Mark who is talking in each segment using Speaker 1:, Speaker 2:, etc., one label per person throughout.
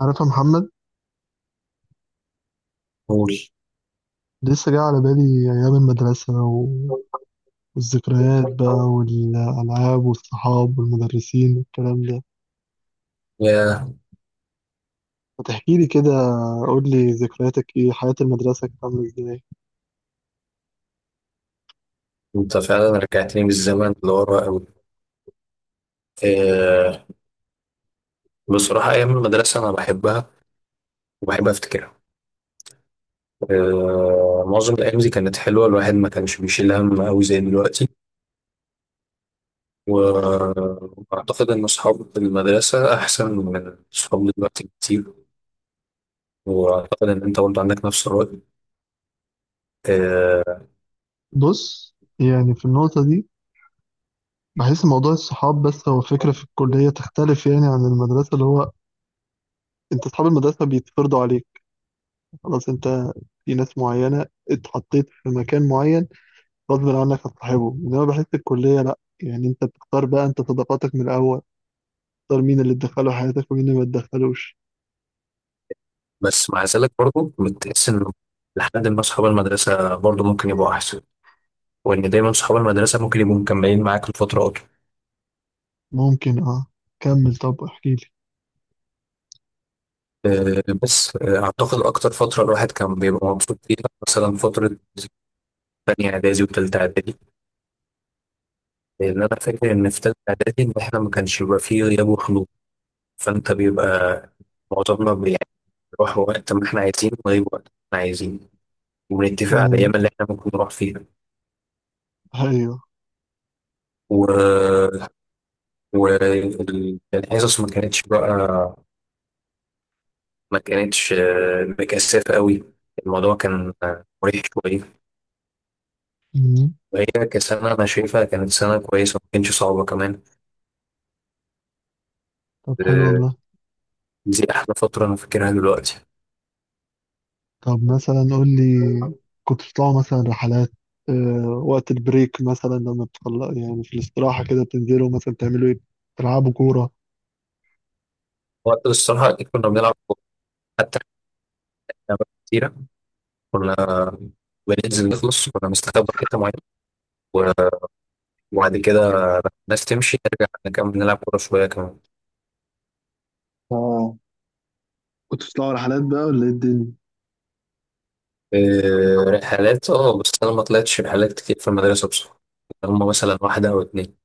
Speaker 1: عارف يا محمد؟
Speaker 2: قول.
Speaker 1: لسه جاي على بالي أيام المدرسة والذكريات بقى والألعاب والصحاب والمدرسين والكلام ده.
Speaker 2: يا.
Speaker 1: ما تحكيلي كده؟ قول لي ذكرياتك إيه، حياة المدرسة كانت عاملة إزاي؟
Speaker 2: انت فعلا رجعتني بالزمن لورا قوي. أه. بصراحة أيام المدرسة أنا بحبها وبحب أفتكرها. أه، معظم الأيام دي كانت حلوة، الواحد ما كانش بيشيل هم أوي زي دلوقتي. و- وأعتقد إن أصحاب المدرسة أحسن من أصحاب دلوقتي كتير، وأعتقد إن أنت برضه عندك نفس الرأي. أه.
Speaker 1: بص، يعني في النقطة دي بحس موضوع الصحاب بس، هو فكرة في الكلية تختلف يعني عن المدرسة. اللي هو أنت أصحاب المدرسة بيتفرضوا عليك، خلاص أنت في ناس معينة اتحطيت في مكان معين غصب عنك هتصاحبه. إنما بحس الكلية لأ، يعني أنت بتختار بقى أنت صداقاتك من الأول، تختار مين اللي تدخله حياتك ومين اللي ما تدخلوش.
Speaker 2: بس مع ذلك برضه بتحس إن لحد ما أصحاب المدرسة برضه ممكن يبقوا أحسن، وإن دايما أصحاب المدرسة ممكن يبقوا مكملين معاك لفترة أطول.
Speaker 1: ممكن اه. كمل، طب احكي لي.
Speaker 2: بس أعتقد أكتر فترة الواحد كان بيبقى مبسوط فيها، مثلا فترة تانية إعدادي وتالتة إعدادي، لأن أنا فاكر إن في تالتة إعدادي إن إحنا ما كانش بيبقى فيه غياب وحضور. فأنت بيبقى معظمنا يعني بنروح وقت ما إحنا عايزين ونغيب وقت ما إحنا عايزين، وبنتفق على
Speaker 1: ايوه.
Speaker 2: الأيام اللي إحنا ممكن نروح فيها.
Speaker 1: أيوة.
Speaker 2: و... والحصص ما كانتش بقى، ما كانتش مكثفة قوي، الموضوع كان مريح شوية.
Speaker 1: مم.
Speaker 2: وهي كسنة أنا شايفها كانت سنة كويسة، ما كانتش صعبة كمان.
Speaker 1: طب حلو
Speaker 2: آه.
Speaker 1: والله.
Speaker 2: دي احلى فتره انا فاكرها دلوقتي.
Speaker 1: طب مثلا قول لي، كنت بتطلعوا مثلا رحلات؟ وقت البريك مثلا لما بتطلع يعني في الاستراحة كده بتنزلوا مثلا تعملوا ايه؟ تلعبوا كورة؟
Speaker 2: وقت الصراحه أكيد كنا بنلعب كورة. حتى كنا أوقات كتيره كنا بننزل نخلص، كنا بنستخبى في حته معينه، و- وبعد كده الناس تمشي نرجع نكمل نلعب كوره شويه كمان.
Speaker 1: اه، كنت بتطلع رحلات بقى ولا ايه الدنيا؟
Speaker 2: رحلات، بس انا ما طلعتش رحلات كتير في المدرسه بصراحه، هم مثلا واحده او اتنين.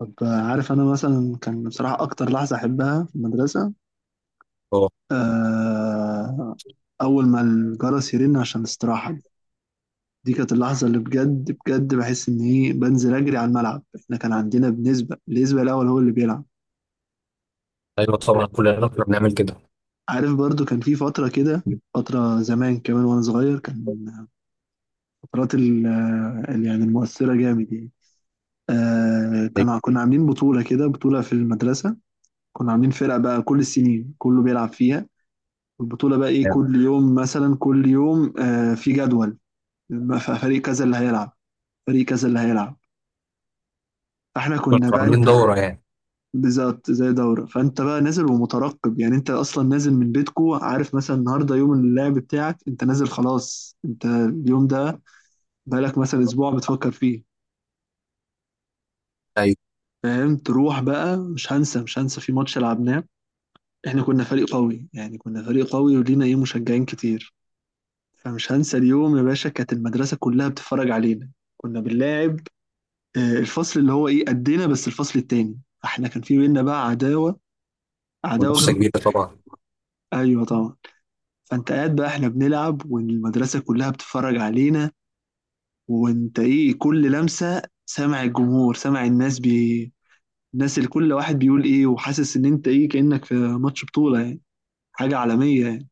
Speaker 1: طب، عارف انا مثلا كان بصراحة اكتر لحظة احبها في المدرسة
Speaker 2: اه.
Speaker 1: آه اول ما الجرس يرن عشان الاستراحة. دي كانت اللحظة اللي بجد بجد بحس إن إيه، بنزل أجري على الملعب، إحنا كان عندنا بنسبة النسبة الأول هو اللي بيلعب.
Speaker 2: ايوه، طبعا كلنا كنا بنعمل كده.
Speaker 1: عارف، برضو كان في فترة كده، فترة زمان كمان وأنا صغير، كان فترات يعني المؤثرة جامد يعني. كنا عاملين بطولة كده، بطولة في المدرسة. كنا عاملين فرقة بقى كل السنين كله بيلعب فيها. البطولة بقى إيه، كل يوم مثلا، كل يوم في جدول. فريق كذا اللي هيلعب، فريق كذا اللي هيلعب. احنا
Speaker 2: كنا
Speaker 1: كنا بقى
Speaker 2: عاملين
Speaker 1: انت،
Speaker 2: دوره يعني.
Speaker 1: بالظبط زي دورة، فانت بقى نازل ومترقب يعني، انت اصلا نازل من بيتكو عارف، مثلا النهارده يوم اللعب بتاعك، انت نازل خلاص، انت اليوم ده بقالك مثلا اسبوع بتفكر فيه.
Speaker 2: ايوه،
Speaker 1: فاهم، تروح بقى. مش هنسى، مش هنسى في ماتش لعبناه. احنا كنا فريق قوي يعني، كنا فريق قوي ولينا ايه، مشجعين كتير. فمش هنسى اليوم يا باشا، كانت المدرسة كلها بتتفرج علينا، كنا بنلاعب الفصل اللي هو ايه قدنا، بس الفصل التاني، احنا كان في بينا بقى عداوة، عداوة غير.
Speaker 2: منافسه كبيره طبعا.
Speaker 1: ايوه طبعا. فانت قاعد بقى احنا بنلعب والمدرسة كلها بتتفرج علينا، وانت ايه كل لمسة سامع الجمهور سامع الناس الناس، اللي كل واحد بيقول ايه، وحاسس ان انت ايه كأنك في ماتش بطولة يعني، حاجة عالمية يعني.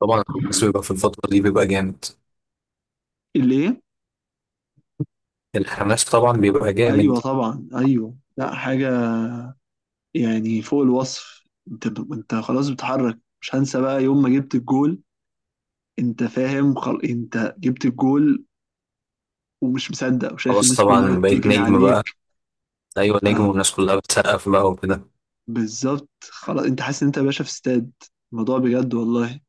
Speaker 2: طبعا الناس بيبقى في الفتره دي بيبقى جامد.
Speaker 1: اللي ايه،
Speaker 2: الحماس طبعا بيبقى جامد.
Speaker 1: ايوه طبعا، ايوه لا، حاجة يعني فوق الوصف. انت خلاص بتحرك، مش هنسى بقى يوم ما جبت الجول. انت فاهم، انت جبت الجول ومش مصدق وشايف
Speaker 2: خلاص،
Speaker 1: الناس كلها
Speaker 2: طبعا بقيت
Speaker 1: بتجري
Speaker 2: نجم
Speaker 1: عليك.
Speaker 2: بقى. ايوه، نجم
Speaker 1: آه.
Speaker 2: والناس كلها بتسقف بقى وكده.
Speaker 1: بالظبط، خلاص انت حاسس ان انت يا باشا في استاد. الموضوع بجد والله.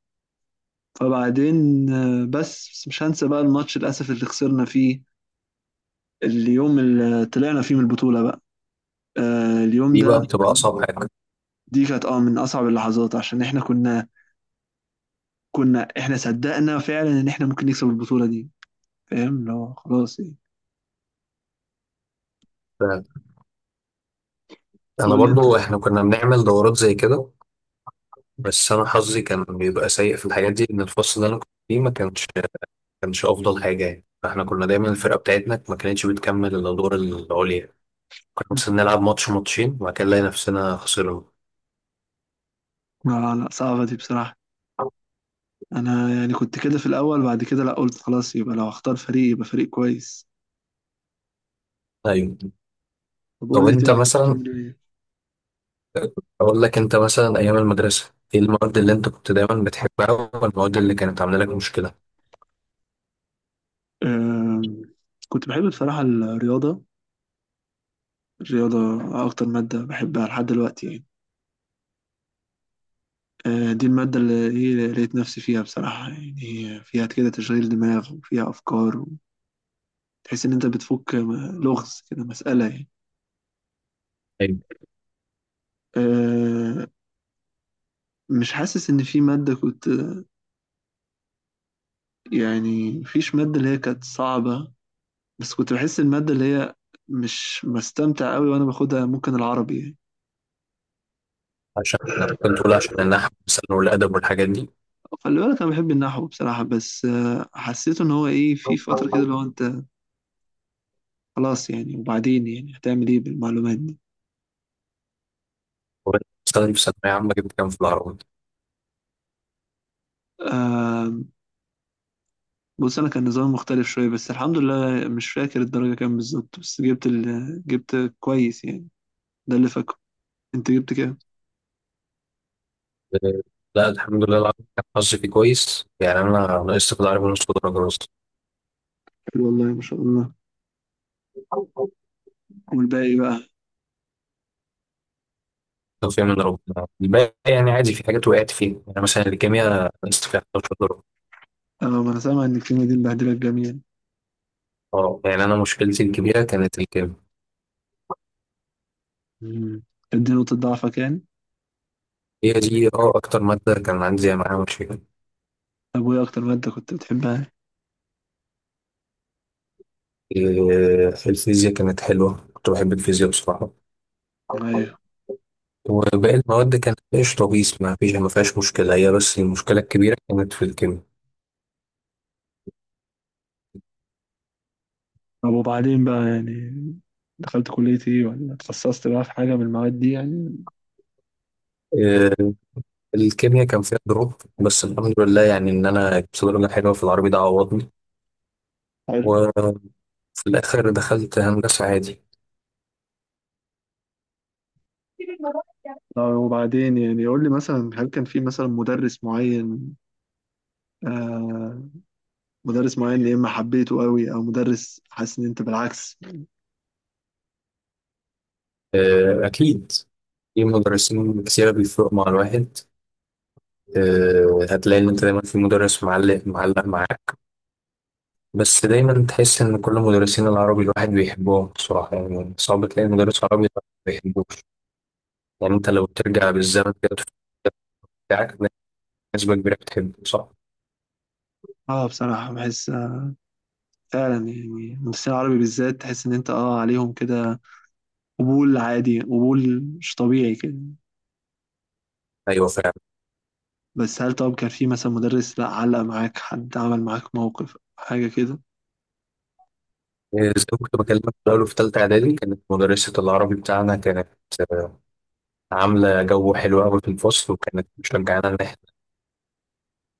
Speaker 1: فبعدين بس بس مش هنسى بقى الماتش للاسف اللي خسرنا فيه، اليوم اللي طلعنا فيه من البطولة بقى، اليوم
Speaker 2: دي
Speaker 1: ده.
Speaker 2: بقى بتبقى اصعب حاجه.
Speaker 1: دي كانت من اصعب اللحظات، عشان احنا كنا احنا صدقنا فعلا ان احنا ممكن نكسب البطولة دي، فاهم اللي هو خلاص ايه.
Speaker 2: ف- انا
Speaker 1: قول لي انت.
Speaker 2: برضو احنا كنا بنعمل دورات زي كده، بس انا حظي كان بيبقى سيء في الحاجات دي، ان الفصل اللي انا كنت فيه ما كانش افضل حاجه يعني، فاحنا كنا دايما الفرقه بتاعتنا ما كانتش بتكمل الادوار العليا، كنا مثلا نلعب ماتش ماتشين وبعد كده نلاقي نفسنا خسرنا.
Speaker 1: لا لا، صعبة دي بصراحة. انا يعني كنت كده في الاول، بعد كده لا، قلت خلاص يبقى لو هختار فريق يبقى فريق كويس.
Speaker 2: ايوه.
Speaker 1: طب قول
Speaker 2: طب
Speaker 1: لي
Speaker 2: انت
Speaker 1: تاني، كنت
Speaker 2: مثلا،
Speaker 1: بتعمل ايه؟
Speaker 2: أقول لك، أنت مثلا أيام المدرسة إيه المواد اللي أنت كنت دايما بتحبها والمواد اللي كانت عاملة لك مشكلة؟
Speaker 1: أم، كنت بحب بصراحة الرياضة. الرياضة أكتر مادة بحبها لحد دلوقتي يعني. دي المادة اللي هي لقيت نفسي فيها بصراحة يعني، هي فيها كده تشغيل دماغ وفيها أفكار، وتحس إن أنت بتفك لغز كده، مسألة يعني.
Speaker 2: ايوه،
Speaker 1: أه، مش حاسس إن في مادة كنت، يعني مفيش مادة اللي هي كانت صعبة، بس كنت بحس المادة اللي هي مش بستمتع أوي وأنا باخدها ممكن العربي يعني.
Speaker 2: عشان أنا كنت بقول عشان النحو مثلا والأدب والحاجات دي.
Speaker 1: خلي بالك انا بحب النحو بصراحه، بس حسيت ان هو ايه في فتره
Speaker 2: وأنت
Speaker 1: كده اللي هو انت خلاص يعني، وبعدين يعني هتعمل ايه بالمعلومات دي؟
Speaker 2: مثلا في ثانوية عامة جبت كام في العربي؟
Speaker 1: آه، بص انا كان نظام مختلف شويه، بس الحمد لله مش فاكر الدرجه كام بالظبط، بس جبت كويس يعني، ده اللي فاكره. انت جبت كام؟
Speaker 2: آه. لا، الحمد لله، العربي كان حظي فيه كويس يعني، أنا نقصت في العربي نص درجة بس،
Speaker 1: حلو والله، ما شاء الله. والباقي بقى؟
Speaker 2: توفيق من ربنا. الباقي يعني عادي، في حاجات وقعت فيها، يعني مثلا الكيمياء نقصت فيها 11 درجة.
Speaker 1: اه، ما انا سامع ان الكيمياء دي مبهدله الجميع.
Speaker 2: اه، يعني أنا مشكلتي الكبيرة كانت الكيمياء.
Speaker 1: مم. كانت دي نقطه ضعفك يعني؟
Speaker 2: هي دي أكتر مادة كان عندي معاها مشكلة.
Speaker 1: طب وايه اكتر ماده كنت بتحبها؟
Speaker 2: الفيزياء كانت حلوة، كنت بحب الفيزياء بصراحة.
Speaker 1: أيوة.
Speaker 2: وباقي المواد كانت ايش طبيس، ما فيش ما فيهاش مشكلة، هي بس المشكلة الكبيرة كانت في الكيمياء.
Speaker 1: طب وبعدين بقى يعني، دخلت كلية ايه ولا اتخصصت بقى في حاجة من المواد دي يعني؟
Speaker 2: آه، الكيمياء كان فيها دروب، بس الحمد لله يعني ان انا جبت درجة حلوة في العربي، ده عوضني.
Speaker 1: حلو.
Speaker 2: وفي الاخر دخلت هندسة عادي.
Speaker 1: طب وبعدين يعني قول لي مثلا، هل كان في مثلا مدرس معين، آه مدرس معين يا اما حبيته قوي او مدرس حاسس ان انت بالعكس؟
Speaker 2: اكيد في مدرسين كتير بيفرقوا مع الواحد. هتلاقي ان انت دايما في مدرس معلق معلق معاك. بس دايما تحس ان كل مدرسين العربي الواحد بيحبهم بصراحه، يعني صعب تلاقي مدرس عربي الواحد ما بيحبوش. يعني انت لو ترجع بالزمن كده وتشوف المدرس بتاعك هتلاقي نسبه كبيره بتحبه، صح؟
Speaker 1: اه، بصراحة بحس فعلا يعني، المدرسين العربي بالذات تحس ان انت عليهم كده قبول عادي، قبول مش طبيعي كده.
Speaker 2: ايوه، فعلا.
Speaker 1: بس هل، طب كان في مثلا مدرس لا علق معاك، حد عمل معاك موقف حاجة كده؟
Speaker 2: إيه، زي ما كنت بكلمك في الاول، في ثالثه اعدادي كانت مدرسه العربي بتاعنا كانت آه، عامله جو حلو قوي في الفصل، وكانت مشجعانا ان احنا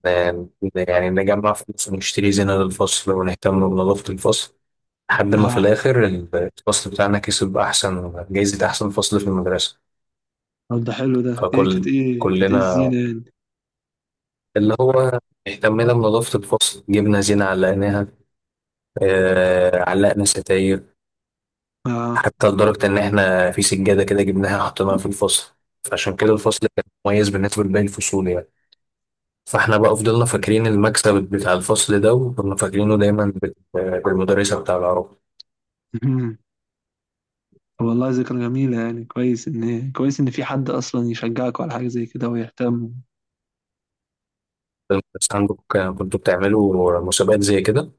Speaker 2: آه، يعني نجمع فلوس ونشتري زينه للفصل ونهتم بنظافه الفصل، لحد ما في الاخر الفصل بتاعنا كسب احسن جايزه، احسن فصل في المدرسه.
Speaker 1: طب ده حلو، ده ايه كانت
Speaker 2: فكل
Speaker 1: ايه كانت ايه
Speaker 2: كلنا
Speaker 1: الزينة يعني؟
Speaker 2: اللي هو اهتمينا بنظافة الفصل، جبنا زينة علقناها، علقنا ستاير،
Speaker 1: اه.
Speaker 2: حتى لدرجة إن إحنا في سجادة كده جبناها حطيناها في الفصل، فعشان كده الفصل كان مميز بالنسبة لباقي الفصول يعني. فإحنا بقى فضلنا فاكرين المكسب بتاع الفصل ده، وكنا فاكرينه دايما بالمدرسة بتاع العربي.
Speaker 1: مهم. والله ذكرى جميلة يعني، كويس ان في حد اصلا يشجعك على حاجة زي كده ويهتم.
Speaker 2: المدرسة عندكم كنتوا بتعملوا مسابقات زي كده؟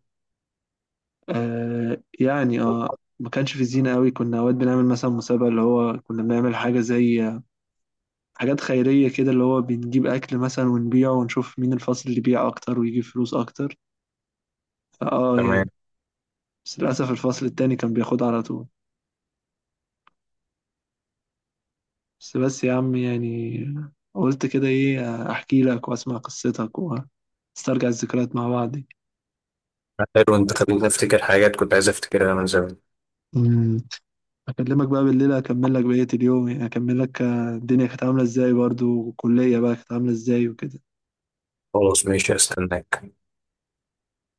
Speaker 1: يعني ما كانش في زينة قوي، كنا اوقات بنعمل مثلا مسابقة اللي هو، كنا بنعمل حاجة زي حاجات خيرية كده، اللي هو بنجيب اكل مثلا ونبيعه ونشوف مين الفصل اللي بيع اكتر ويجيب فلوس اكتر. فاه يعني.
Speaker 2: تمام.
Speaker 1: بس للاسف الفصل التاني كان بياخدها على طول. بس بس يا عم يعني، قلت كده ايه احكي لك واسمع قصتك، نسترجع الذكريات مع بعض دي.
Speaker 2: حلو، أنت خليتني أفتكر حاجات كنت عايز أفتكرها من زمان.
Speaker 1: مم. اكلمك بقى بالليل اكمل لك بقية اليوم يعني، اكمل لك الدنيا كانت عاملة ازاي برضو، والكلية بقى كانت عاملة ازاي وكده.
Speaker 2: خلاص، ماشي، هستناك.